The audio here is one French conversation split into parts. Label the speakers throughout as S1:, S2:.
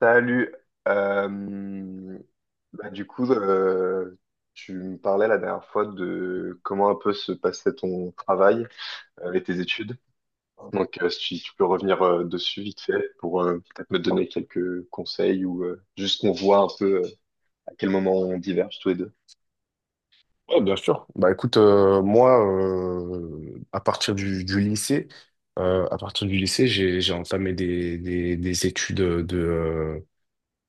S1: Salut. Euh, bah, du coup, euh, Tu me parlais la dernière fois de comment un peu se passait ton travail et tes études. Si tu peux revenir dessus vite fait pour peut-être me donner quelques conseils ou juste qu'on voit un peu à quel moment on diverge tous les deux.
S2: Ouais, bien sûr. Bah écoute, moi, à partir du lycée, j'ai entamé des études de. euh,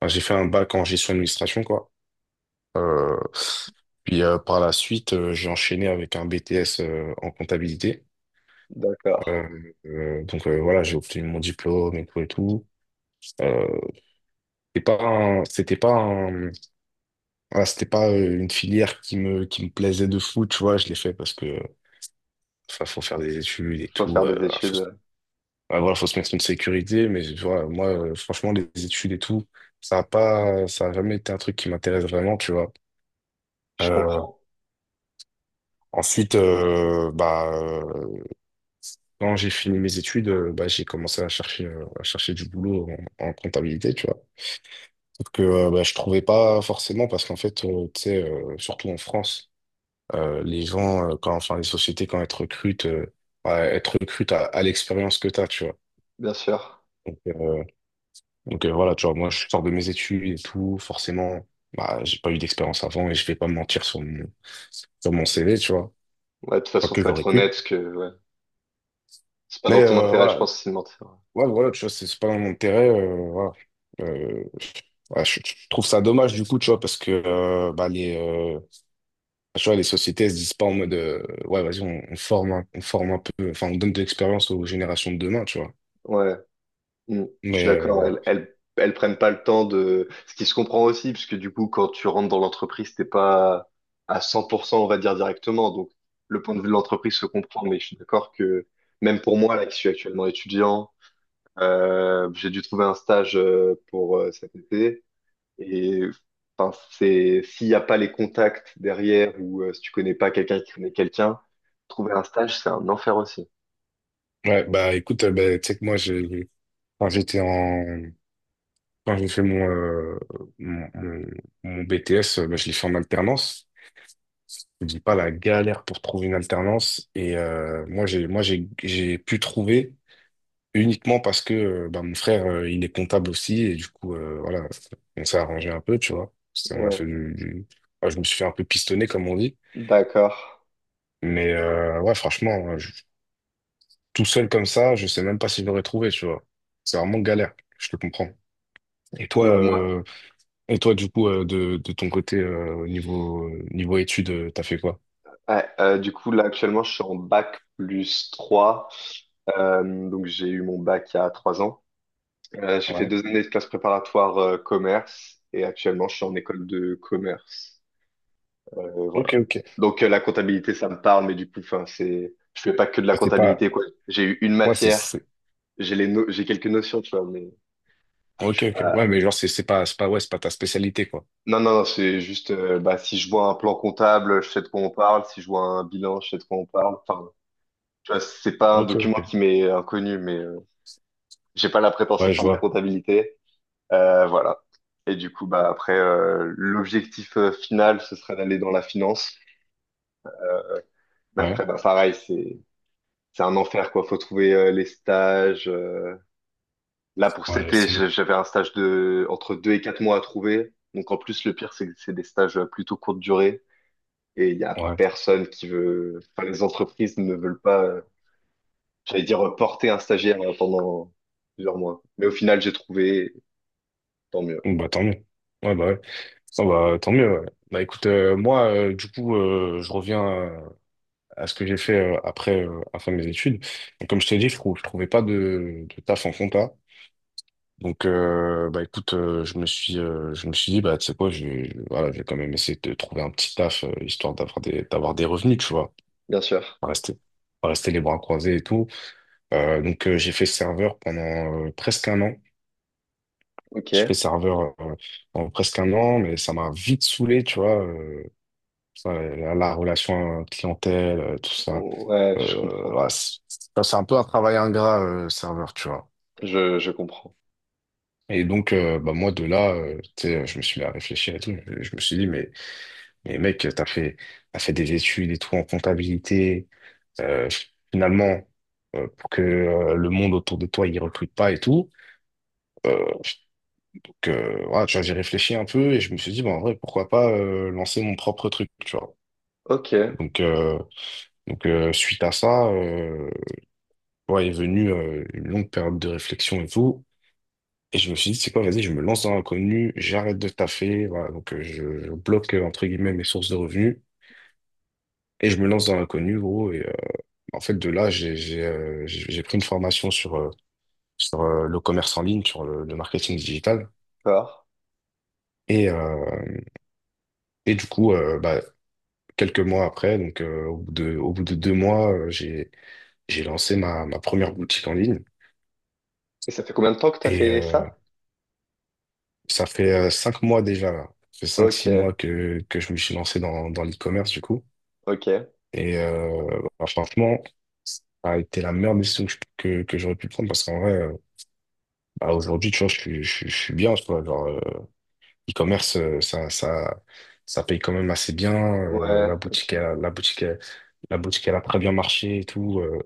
S2: enfin, j'ai fait un bac en gestion d'administration quoi. Euh, puis Par la suite, j'ai enchaîné avec un BTS en comptabilité.
S1: D'accord.
S2: Euh, voilà, j'ai obtenu mon diplôme et tout et tout. Euh, c'était pas un- Voilà, c'était pas une filière qui me plaisait de fou, tu vois. Je l'ai fait parce que Enfin, faut faire des études et
S1: Faut
S2: tout.
S1: faire des études.
S2: Ouais, voilà, faut se mettre une sécurité. Mais tu vois, moi, franchement, les études et tout, ça a jamais été un truc qui m'intéresse vraiment, tu vois.
S1: Je
S2: Euh,
S1: comprends.
S2: ensuite, euh, bah, euh, Quand j'ai fini mes études, bah, j'ai commencé à chercher du boulot en comptabilité, tu vois. Sauf que bah, je trouvais pas forcément parce qu'en fait, tu sais, surtout en France, les gens, les sociétés, quand elles te recrutent, ouais, elles te recrutent à l'expérience que tu as, tu vois.
S1: Bien sûr.
S2: Donc, euh, voilà, tu vois, moi je sors de mes études et tout, forcément, bah, j'ai pas eu d'expérience avant et je vais pas me mentir sur mon CV, tu vois,
S1: Ouais, de toute
S2: pas
S1: façon,
S2: que
S1: faut être
S2: j'aurais
S1: honnête
S2: pu.
S1: parce que ouais, c'est pas
S2: Mais
S1: dans ton intérêt, je
S2: voilà.
S1: pense, c'est de mentir.
S2: Ouais, voilà, Tu vois, c'est pas dans mon intérêt, voilà. Euh, ouais, je trouve ça dommage du coup, tu vois, parce que tu vois, les sociétés elles se disent pas en mode, ouais, vas-y, on forme, on forme un peu, enfin, on donne de l'expérience aux générations de demain, tu vois.
S1: Ouais, je suis
S2: Mais
S1: d'accord.
S2: euh,
S1: Elles prennent pas le temps de. Ce qui se comprend aussi, parce que du coup, quand tu rentres dans l'entreprise, t'es pas à 100%, on va dire directement. Donc, le point de vue de l'entreprise se comprend, mais je suis d'accord que même pour moi, là, qui suis actuellement étudiant, j'ai dû trouver un stage pour cet été. Et enfin, c'est s'il n'y a pas les contacts derrière ou si tu connais pas quelqu'un qui connaît quelqu'un, trouver un stage, c'est un enfer aussi.
S2: ouais, bah écoute, bah, tu sais que moi, j'ai, enfin, j'étais en quand j'ai fait mon, mon- mon BTS, bah, je l'ai fait en alternance. Je dis pas la galère pour trouver une alternance. Et moi, j'ai pu trouver uniquement parce que bah, mon frère, il est comptable aussi. Et du coup, voilà, on s'est arrangé un peu, tu vois. C'est- On a fait
S1: Ouais,
S2: du- Enfin, je me suis fait un peu pistonner, comme on dit.
S1: d'accord.
S2: Franchement, tout seul comme ça, je sais même pas si j'aurais trouvé, tu vois. C'est vraiment galère. Je te comprends. Et toi,
S1: Bah, moi,
S2: euh, Et toi, du coup, de ton côté, niveau études, t'as fait quoi?
S1: ouais, du coup, là, actuellement, je suis en bac plus trois. Donc, j'ai eu mon bac il y a 3 ans. J'ai fait
S2: Ouais.
S1: deux années de classe préparatoire commerce et actuellement, je suis en école de commerce. Voilà.
S2: Ok, ok.
S1: La comptabilité, ça me parle, mais du coup, enfin, c'est, je fais pas que de la
S2: Mais c'est pas.
S1: comptabilité, quoi. J'ai eu une
S2: Ouais, c'est,
S1: matière,
S2: c'est.
S1: j'ai les no- j'ai quelques notions, tu vois, mais je
S2: Ok,
S1: suis
S2: ok.
S1: pas.
S2: Ouais, mais genre, c'est pas ta spécialité, quoi.
S1: Non, non, non, c'est juste, bah, si je vois un plan comptable, je sais de quoi on parle. Si je vois un bilan, je sais de quoi on parle. Enfin, tu vois, c'est pas un
S2: Ok,
S1: document
S2: ok.
S1: qui m'est inconnu, mais j'ai pas la prétention
S2: Ouais,
S1: de
S2: je
S1: faire de la
S2: vois.
S1: comptabilité. Voilà. Et du coup, bah après, l'objectif final, ce serait d'aller dans la finance. Mais après,
S2: Ouais.
S1: bah pareil, c'est un enfer, quoi. Faut trouver les stages. Là, pour cet
S2: Ouais, laisse
S1: été,
S2: tomber.
S1: j'avais un stage de entre deux et quatre mois à trouver. Donc, en plus, le pire, c'est que c'est des stages plutôt courte durée et il y a
S2: Ouais.
S1: personne qui veut, enfin, les entreprises ne veulent pas, j'allais dire, porter un stagiaire pendant plusieurs mois. Mais au final, j'ai trouvé, tant mieux.
S2: Bon, bah, tant mieux. Ouais, bah, ouais. Oh, bah, tant mieux, ouais. Bah, écoute, moi, du coup, je reviens à ce que j'ai fait après mes études. Donc, comme je t'ai dit, je trouvais pas de taf en compta. Donc, bah écoute, je me suis dit, bah tu sais quoi, voilà, je vais quand même essayer de trouver un petit taf histoire d'avoir d'avoir des revenus, tu vois,
S1: Bien sûr.
S2: pas rester, pas rester les bras croisés et tout. J'ai fait serveur pendant presque un an. J'ai fait
S1: Ok.
S2: serveur pendant presque un an, mais ça m'a vite saoulé, tu vois. La relation clientèle, tout ça.
S1: Ouais, je comprends.
S2: Voilà, c'est Ça, c'est un peu un travail ingrat serveur, tu vois.
S1: Je comprends.
S2: Et donc, bah moi, de là, tu sais, je me suis mis à réfléchir et tout. Je me suis dit, mais... Mais mec, t'as fait des études et tout en comptabilité. Euh, Finalement, pour que le monde autour de toi, il recrute pas et tout. Euh, voilà, tu vois, j'ai réfléchi un peu et je me suis dit, bah, en vrai, pourquoi pas lancer mon propre truc, tu vois.
S1: Ok.
S2: Donc, suite à ça, ouais, est venue une longue période de réflexion et tout. Et je me suis dit, c'est quoi, vas-y, je me lance dans l'inconnu, j'arrête de taffer, voilà, donc je bloque, entre guillemets, mes sources de revenus, et je me lance dans l'inconnu, gros. En fait, de là, j'ai pris une formation sur le commerce en ligne, sur le marketing digital.
S1: D'accord.
S2: Et, euh, et du coup, euh, bah, Quelques mois après, donc au bout de 2 mois, j'ai lancé ma première boutique en ligne.
S1: Et ça fait combien de temps que t'as
S2: Et
S1: fait ça?
S2: ça fait 5 mois déjà, là. Ça fait cinq, six
S1: Ok.
S2: mois que je me suis lancé dans l'e-commerce, du coup.
S1: Ok.
S2: Et franchement, ça a été la meilleure décision que j'aurais pu prendre parce qu'en vrai, bah, aujourd'hui, tu vois, je suis bien, tu vois, genre, e-commerce, ça paye quand même assez bien.
S1: Ouais, ok,
S2: La boutique, elle a très bien marché et tout. euh.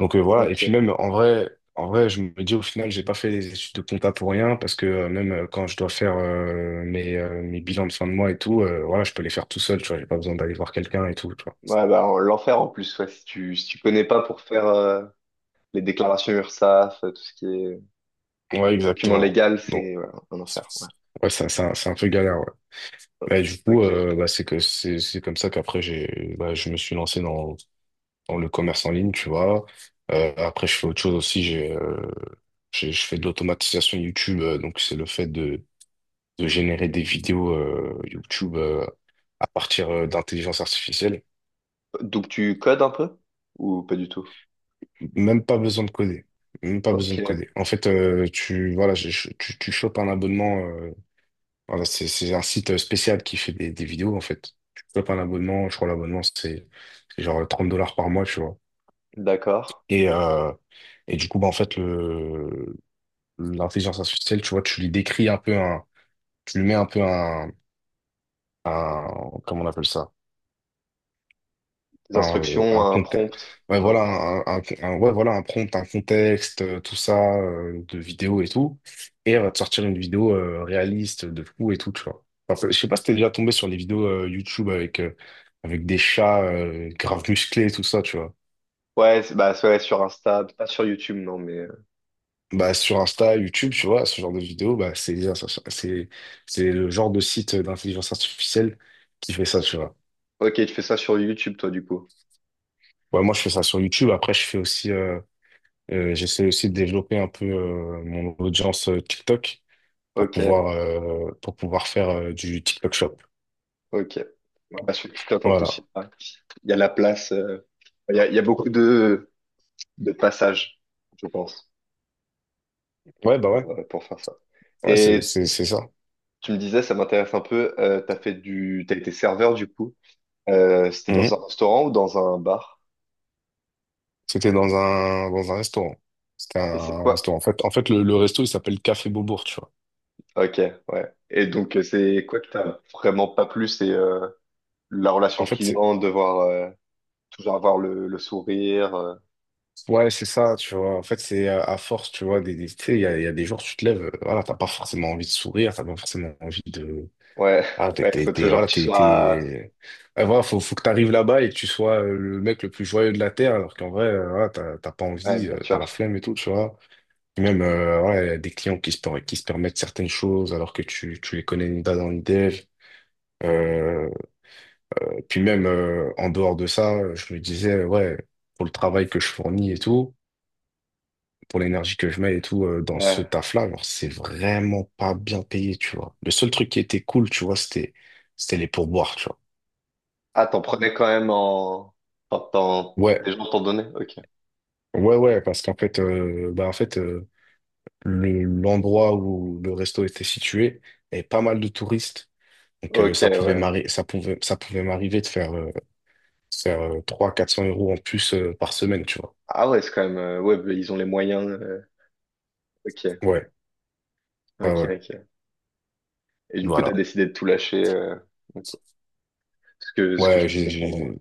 S2: Donc euh, Voilà. Et puis
S1: ok.
S2: même en vrai, je me dis au final, j'ai pas fait les études de compta pour rien parce que même quand je dois faire mes bilans de fin de mois et tout, voilà, je peux les faire tout seul. Tu vois, j'ai pas besoin d'aller voir quelqu'un et tout. Tu vois.
S1: Ouais, bah, en- l'enfer en plus, ouais, si tu, si tu connais pas pour faire, les déclarations URSSAF, tout ce qui est
S2: Ouais,
S1: document
S2: exactement.
S1: légal,
S2: Bon,
S1: c'est ouais, un enfer. Ouais.
S2: ouais, c'est un peu galère. Ouais. Mais du coup,
S1: Ok.
S2: c'est que c'est comme ça qu'après j'ai... bah, je me suis lancé dans le commerce en ligne, tu vois. Après, je fais autre chose aussi. Je fais de l'automatisation YouTube. Donc, c'est le fait de générer des vidéos YouTube à partir d'intelligence artificielle.
S1: Donc tu codes un peu ou pas du tout?
S2: Même pas besoin de coder. Même pas besoin de
S1: Ok,
S2: coder. En fait, tu, voilà, je- tu chopes un abonnement. Voilà, c'est un site spécial qui fait des vidéos, en fait. Tu chopes un abonnement. Je crois l'abonnement, c'est genre 30 $ par mois, tu vois.
S1: d'accord.
S2: Et, euh, et du coup, bah, en fait, le, L'intelligence artificielle, tu vois, tu lui décris un peu un, tu lui mets un peu un, comment on appelle ça?
S1: Des instructions,
S2: Un
S1: un
S2: contexte.
S1: prompt.
S2: Ouais, voilà,
S1: un-
S2: un prompt, un contexte, tout ça, de vidéo et tout. Et elle va te sortir une vidéo, réaliste de fou et tout, tu vois. Enfin, je sais pas si t'es déjà tombé sur les vidéos, YouTube avec, avec des chats, grave musclés et tout ça, tu vois.
S1: Ouais, bah ouais, sur Insta, pas sur YouTube, non, mais.
S2: Bah, sur Insta, YouTube, tu vois, ce genre de vidéo, bah, c'est, c'est le genre de site d'intelligence artificielle qui fait ça, tu vois.
S1: Ok, tu fais ça sur YouTube, toi, du coup.
S2: Ouais, moi, je fais ça sur YouTube. Après, je fais aussi, j'essaie aussi de développer un peu mon audience TikTok
S1: Ok,
S2: pour pouvoir faire du TikTok Shop.
S1: ok. Ouais, bah, sur TikTok, en plus,
S2: Voilà.
S1: il y a la place. Il y a beaucoup de passages, je pense,
S2: Ouais, bah ouais.
S1: pour faire ça.
S2: Ouais,
S1: Et
S2: c'est ça.
S1: tu me disais, ça m'intéresse un peu, t'as fait du... t'as été serveur du coup. C'était dans
S2: Mhm.
S1: un restaurant ou dans un bar?
S2: C'était dans un restaurant. C'était
S1: Et c'est
S2: un
S1: quoi?
S2: restaurant. En fait, le resto, il s'appelle Café Beaubourg, tu vois.
S1: Ok, ouais. Et donc, c'est quoi que t'as vraiment pas plu? C'est la
S2: En
S1: relation
S2: fait, c'est...
S1: client, devoir toujours avoir le sourire.
S2: ouais, c'est ça, tu vois. En fait, c'est à force, tu vois, tu sais, il y a des jours, tu te lèves, voilà, t'as pas forcément envie de sourire, t'as pas forcément envie de...
S1: Ouais,
S2: Ah,
S1: ouais, faut
S2: t'es...
S1: toujours que
S2: voilà,
S1: tu sois...
S2: t'es... Ah, voilà, faut que t'arrives là-bas et que tu sois le mec le plus joyeux de la Terre, alors qu'en vrai, voilà, t'as pas
S1: Ouais,
S2: envie,
S1: bien
S2: t'as
S1: sûr.
S2: la flemme et tout, tu vois. Et même, ouais, y a des clients qui se permettent certaines choses alors que tu les connais ni d'Adam ni d'Ève. Euh, En dehors de ça, je me disais, ouais, pour le travail que je fournis et tout, pour l'énergie que je mets et tout, dans ce
S1: Ouais.
S2: taf-là, genre, c'est vraiment pas bien payé, tu vois. Le seul truc qui était cool, tu vois, c'était les pourboires, tu vois.
S1: Ah, t'en prenais quand même en... Enfin, Des
S2: Ouais,
S1: gens t'en donnaient? Ok.
S2: ouais, ouais, parce qu'en fait, l'endroit où le resto était situé, avait pas mal de touristes. Donc,
S1: Ok, ouais.
S2: ça pouvait m'arriver de faire, 300, 400 € en plus par semaine, tu vois.
S1: Ah ouais, c'est quand même... Ouais, bah, ils ont les moyens. Ok,
S2: Ouais, ouais,
S1: ok,
S2: ouais,
S1: ok. Et du coup, t'as
S2: voilà.
S1: décidé de tout lâcher. Ok. Ce que je
S2: Ouais,
S1: peux
S2: j'ai,
S1: comprendre.
S2: j'ai-
S1: Ouais.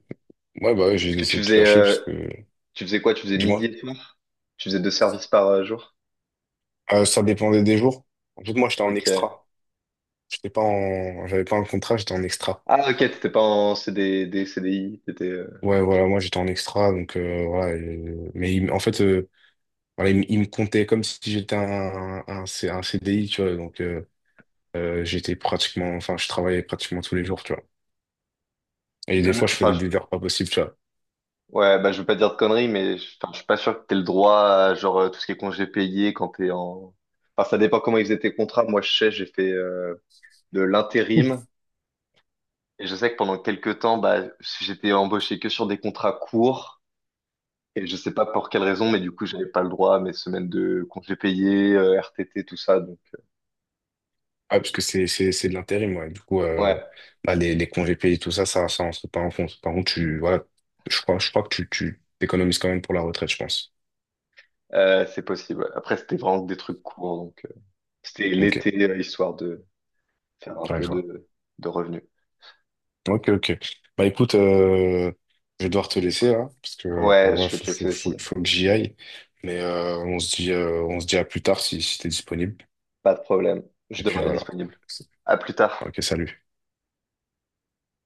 S2: ouais, bah, ouais, j'ai
S1: Parce que
S2: laissé tout lâcher parce que,
S1: tu faisais quoi? Tu faisais
S2: dis-moi.
S1: midi et soir? Tu faisais deux services par jour?
S2: Ça dépendait des jours. En fait, moi, j'étais en
S1: Ok.
S2: extra. J'étais pas en, j'avais pas un contrat, j'étais en extra.
S1: Ah, ok, t'étais pas en CDD, CDI. T'étais.
S2: Ouais, voilà, moi, j'étais en extra, donc, voilà. et- Mais il- en fait, Voilà, il me comptait comme si j'étais un, un CDI, tu vois. Donc, j'étais pratiquement, enfin, je travaillais pratiquement tous les jours, tu vois. Et des fois, je
S1: Enfin,
S2: faisais des heures pas possibles, tu vois.
S1: ouais, bah, je veux pas dire de conneries, mais je enfin, je suis pas sûr que t'aies le droit à genre tout ce qui est congé payé quand t'es en. Enfin, ça dépend comment ils faisaient tes contrats. Moi, je sais, j'ai fait de l'intérim. Et je sais que pendant quelques temps, bah, j'étais embauché que sur des contrats courts. Et je sais pas pour quelle raison, mais du coup, j'avais pas le droit à mes semaines de congés payés, RTT, tout ça. Donc,
S2: Ah, parce que c'est de l'intérim, ouais. Du coup,
S1: ouais,
S2: les congés payés, tout ça, ça rentre pas en compte. Par contre, tu, voilà, je crois que tu t'économises quand même pour la retraite, je pense.
S1: c'est possible. Ouais. Après, c'était vraiment des trucs courts. Donc, c'était
S2: Ok,
S1: l'été, histoire de faire un
S2: ouais,
S1: peu
S2: je vois.
S1: de revenus.
S2: Ok, ok. Bah écoute, je vais devoir te laisser là, parce que
S1: Ouais,
S2: ouais,
S1: je vais te laisser aussi.
S2: faut que j'y aille. On se dit à plus tard si, si t'es disponible.
S1: Pas de problème. Je
S2: Et puis
S1: devrais être
S2: voilà.
S1: disponible. À plus tard.
S2: Ok, salut.